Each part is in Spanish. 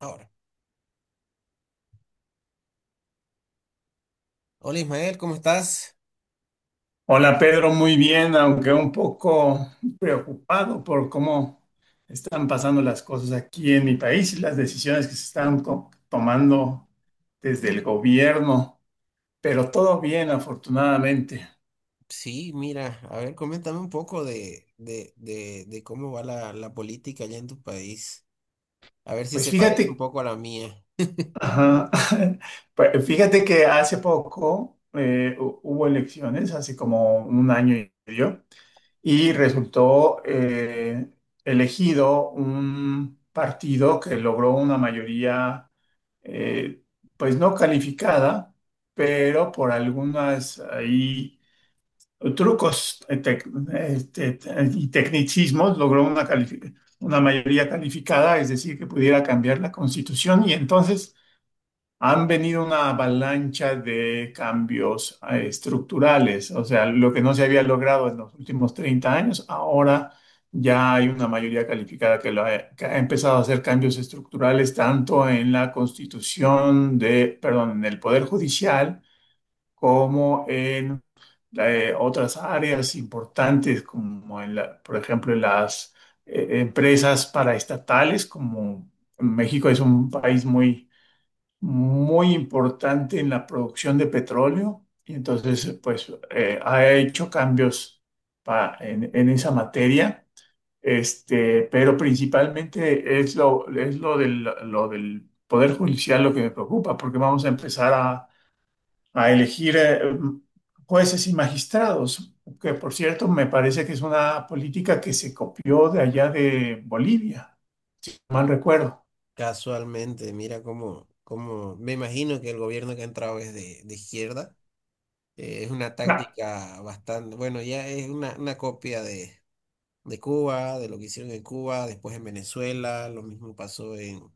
Ahora. Hola Ismael, ¿cómo estás? Hola Pedro, muy bien, aunque un poco preocupado por cómo están pasando las cosas aquí en mi país y las decisiones que se están tomando desde el gobierno, pero todo bien, afortunadamente. Sí, mira, a ver, coméntame un poco de cómo va la política allá en tu país. A ver si Pues se parece un fíjate, poco a la mía. ajá, pues fíjate que hace poco hubo elecciones, hace como un año y medio, y resultó elegido un partido que logró una mayoría eh, pues no calificada, pero por algunas ahí trucos y tecnicismos logró una mayoría calificada, es decir, que pudiera cambiar la constitución y entonces han venido una avalancha de cambios estructurales, o sea, lo que no se había logrado en los últimos 30 años, ahora ya hay una mayoría calificada que, que ha empezado a hacer cambios estructurales tanto en la perdón, en el Poder Judicial como en otras áreas importantes como por ejemplo, en las empresas paraestatales, como México es un país muy importante en la producción de petróleo y entonces pues ha hecho cambios en esa materia, este, pero principalmente es lo lo del Poder Judicial lo que me preocupa, porque vamos a a elegir jueces y magistrados, que por cierto me parece que es una política que se copió de allá de Bolivia, si mm, mal recuerdo. Casualmente, mira cómo me imagino que el gobierno que ha entrado es de izquierda. Es una Ah, táctica bastante, bueno, ya es una copia de Cuba, de lo que hicieron en Cuba, después en Venezuela, lo mismo pasó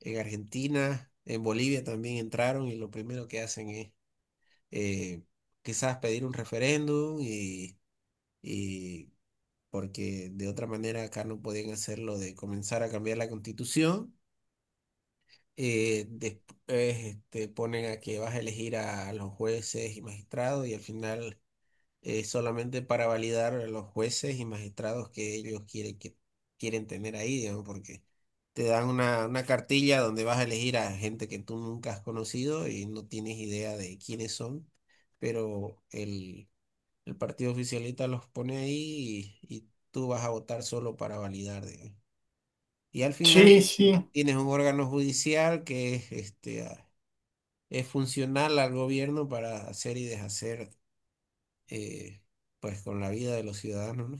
en Argentina, en Bolivia también entraron y lo primero que hacen es eh, quizás pedir un referéndum y porque de otra manera acá no podían hacerlo de comenzar a cambiar la constitución. Después ponen a que vas a elegir a los jueces y magistrados y al final solamente para validar a los jueces y magistrados que ellos quieren, que quieren tener ahí, digamos, porque te dan una cartilla donde vas a elegir a gente que tú nunca has conocido y no tienes idea de quiénes son, pero el partido oficialista los pone ahí y tú vas a votar solo para validar, digamos. Y al sí, final sí. Tienes un órgano judicial que es, este, es funcional al gobierno para hacer y deshacer eh, pues con la vida de los ciudadanos, ¿no?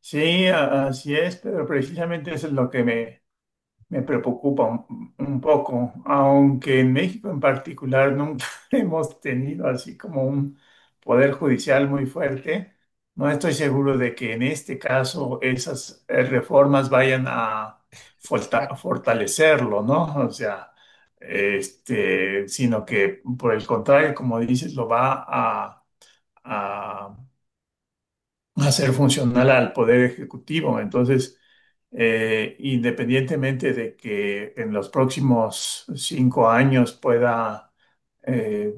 Sí, así es, pero precisamente eso es lo que me preocupa un poco, aunque en México en particular nunca hemos tenido así como un poder judicial muy fuerte, no estoy seguro de que en este caso esas reformas vayan a Ac- fortalecerlo, ¿no? O sea, este, sino que por el contrario, como dices, lo va a, a ser funcional al poder ejecutivo. Entonces, independientemente de que en los próximos 5 años pueda eh,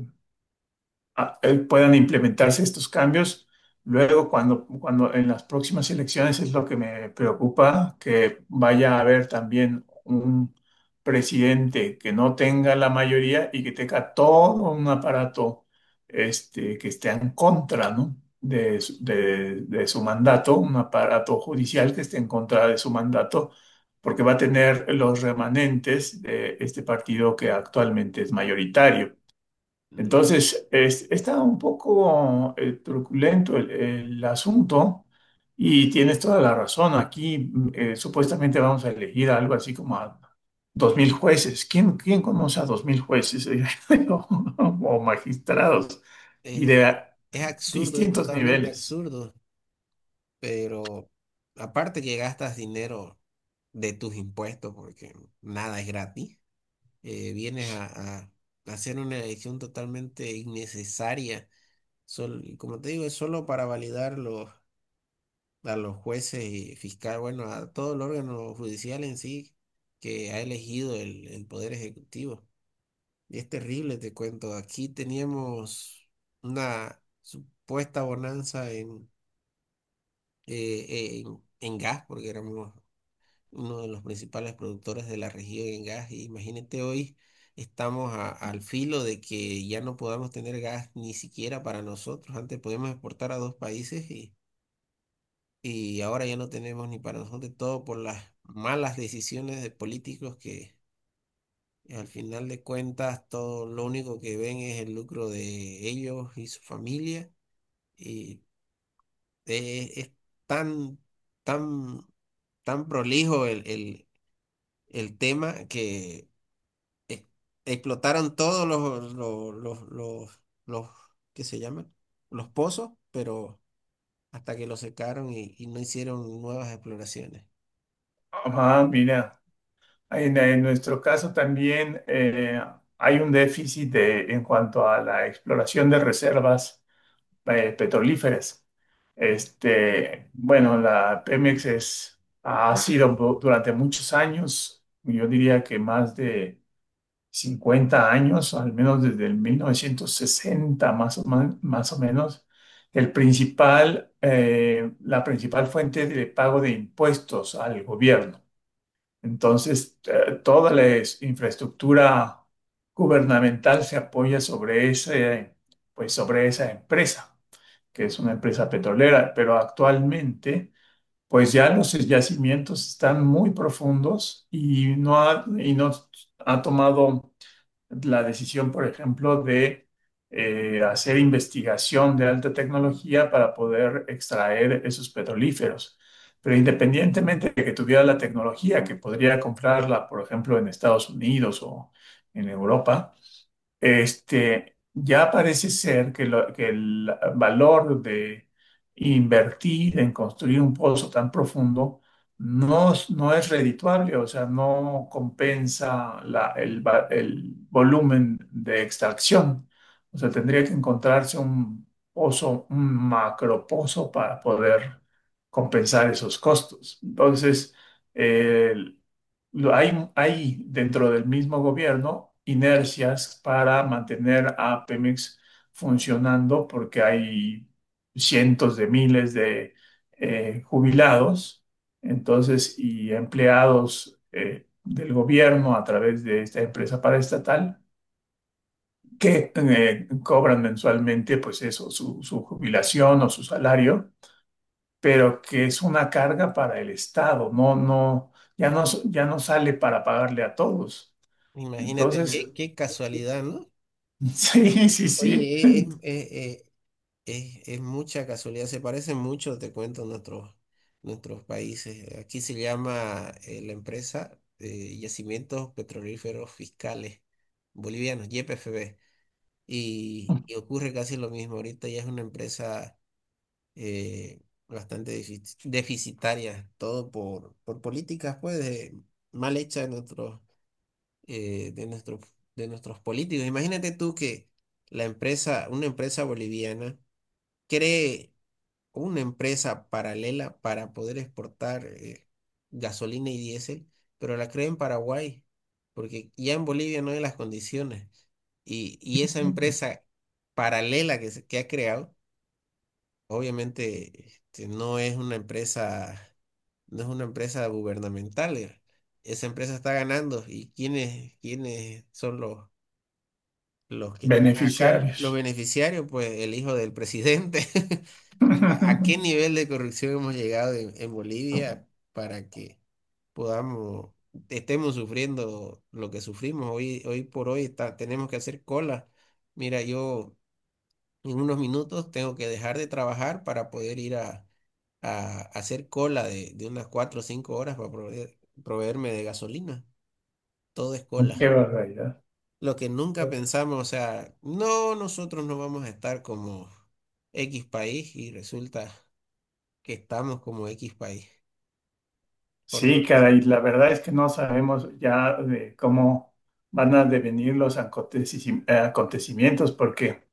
puedan implementarse estos cambios. Luego, cuando en las próximas elecciones es lo que me preocupa, que vaya a haber también un presidente que no tenga la mayoría y que tenga todo un aparato este, que esté en contra, ¿no? De su mandato, un aparato judicial que esté en contra de su mandato, porque va a tener los remanentes de este partido que actualmente es mayoritario. mm, Entonces, es, está un poco truculento el asunto y tienes toda la razón. Aquí supuestamente vamos a elegir algo así como a 2000 jueces. ¿Quién, quién conoce a 2000 jueces o, o magistrados y eh, de eh, es absurdo, es distintos totalmente niveles? absurdo, pero aparte que gastas dinero de tus impuestos porque nada es gratis. Vienes a hacer una elección totalmente innecesaria. Y como te digo, es solo para validar a los jueces y fiscal, bueno, a todo el órgano judicial en sí que ha elegido el Poder Ejecutivo. Y es terrible, te cuento. Aquí teníamos una supuesta bonanza en gas, porque éramos uno de los principales productores de la región en gas. Y imagínate hoy estamos al filo de que ya no podamos tener gas ni siquiera para nosotros. Antes podíamos exportar a dos países y ahora ya no tenemos ni para nosotros, todo por las malas decisiones de políticos que al final de cuentas todo lo único que ven es el lucro de ellos y su familia. Y es tan, tan, tan prolijo el el tema que e- explotaron todos los ¿qué se llaman? Los pozos, pero hasta que los secaron y no hicieron nuevas exploraciones. Ah, mira, en nuestro caso también hay un en cuanto a la exploración de reservas petrolíferas. Este, bueno, la Pemex es, ha durante muchos años, yo diría que más de 50 años, al menos desde el 1960 más o menos, el principal, la principal fuente de pago de impuestos al gobierno. Entonces, toda infraestructura gubernamental se apoya sobre ese, pues sobre esa empresa que es una empresa petrolera, pero actualmente, pues ya los yacimientos están muy profundos y no ha tomado la decisión, por ejemplo, de hacer investigación de alta tecnología para poder extraer esos petrolíferos. Pero independientemente de que tuviera la tecnología, que podría comprarla, por ejemplo, en Estados Unidos o en Europa, este, ya parece ser que, que el valor de invertir en construir un pozo tan profundo no, no es redituable, o sea, no compensa el volumen de extracción. O sea, tendría que encontrarse un pozo, un macropozo para poder compensar esos costos. Entonces, hay dentro del mismo gobierno inercias para mantener a Pemex funcionando porque hay cientos de miles de jubilados, entonces, y empleados del gobierno a través de esta empresa paraestatal que cobran mensualmente, pues eso, su jubilación o su salario, pero que es una carga para el Estado, ya no, ya no sale para pagarle a todos. Imagínate qué, Entonces, qué casualidad, ¿no? sí, sí, sí. Oye, es mucha casualidad, se parecen mucho, te cuento, nuestros países. Aquí se llama la empresa Yacimientos Petrolíferos Fiscales Bolivianos, YPFB. Y ocurre casi lo mismo. Ahorita ya es una empresa eh, bastante deficitarias, todo por políticas pues mal hechas de eh, de nuestros, de nuestros políticos. Imagínate tú que una empresa boliviana cree una empresa paralela para poder exportar gasolina y diésel, pero la crea en Paraguay, porque ya en Bolivia no hay las condiciones. Y esa empresa paralela que ha creado obviamente este, no es una empresa, no es una empresa gubernamental. Eh, esa empresa está ganando. ¿Y quiénes, quiénes son los que están a cargo? Los Beneficiarios. beneficiarios, pues el hijo del presidente. ¿A, a qué nivel de corrupción hemos llegado en Bolivia para que podamos, estemos sufriendo lo que sufrimos hoy, hoy por hoy? Tenemos que hacer cola. Mira, yo... En unos minutos tengo que dejar de trabajar para poder ir a hacer cola de unas cuatro o cinco horas para proveerme de gasolina. Todo es Qué cola. barbaridad. Lo que nunca pensamos, o sea, no, nosotros no vamos a estar como X país y resulta que estamos como X país. Por no Sí, decir, caray, la verdad es que no sabemos ya de cómo van a devenir los acontecimientos, porque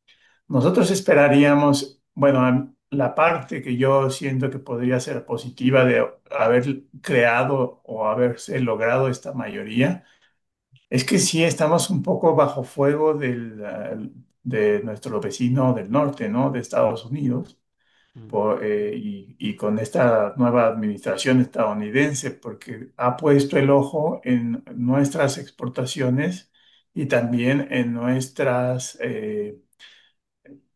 nosotros esperaríamos, bueno, la parte que yo siento que podría ser positiva de haber creado o haberse logrado esta mayoría. Es que sí estamos un poco bajo fuego de nuestro vecino del norte, ¿no? De Estados Unidos, mm, y con esta nueva administración estadounidense, porque ha puesto el ojo en nuestras exportaciones y también en nuestras eh,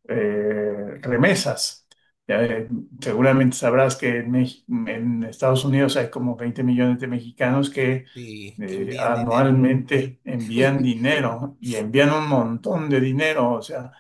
eh, remesas. Ya, seguramente sabrás que en Estados Unidos hay como 20 millones de mexicanos que sí, que envían dinero. anualmente envían dinero y envían un montón de dinero. O sea,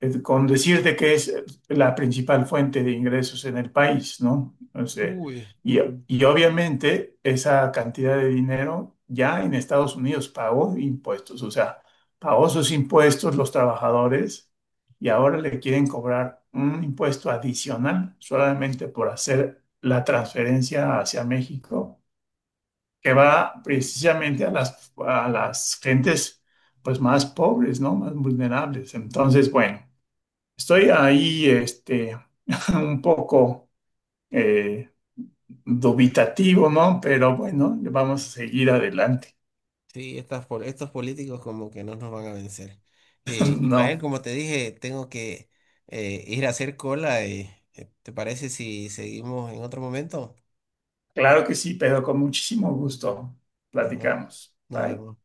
con decirte que es la principal fuente de ingresos en el país, ¿no? O sea, Uy. y, y obviamente esa cantidad de dinero ya en Estados Unidos pagó impuestos, o sea, pagó sus impuestos los trabajadores y ahora le quieren cobrar un impuesto adicional solamente por hacer la transferencia hacia México, que va precisamente a a las gentes pues más pobres, ¿no? Más vulnerables. Entonces, bueno. Estoy ahí, este, un poco eh, dubitativo, ¿no? Pero bueno, vamos a seguir adelante. Sí, estos políticos como que no nos van a vencer. Ismael, No, como te dije, tengo que ir a hacer cola y ¿te parece si seguimos en otro momento? claro que sí, pero con muchísimo gusto. Nos, ve- Platicamos. Nos Bye. vemos.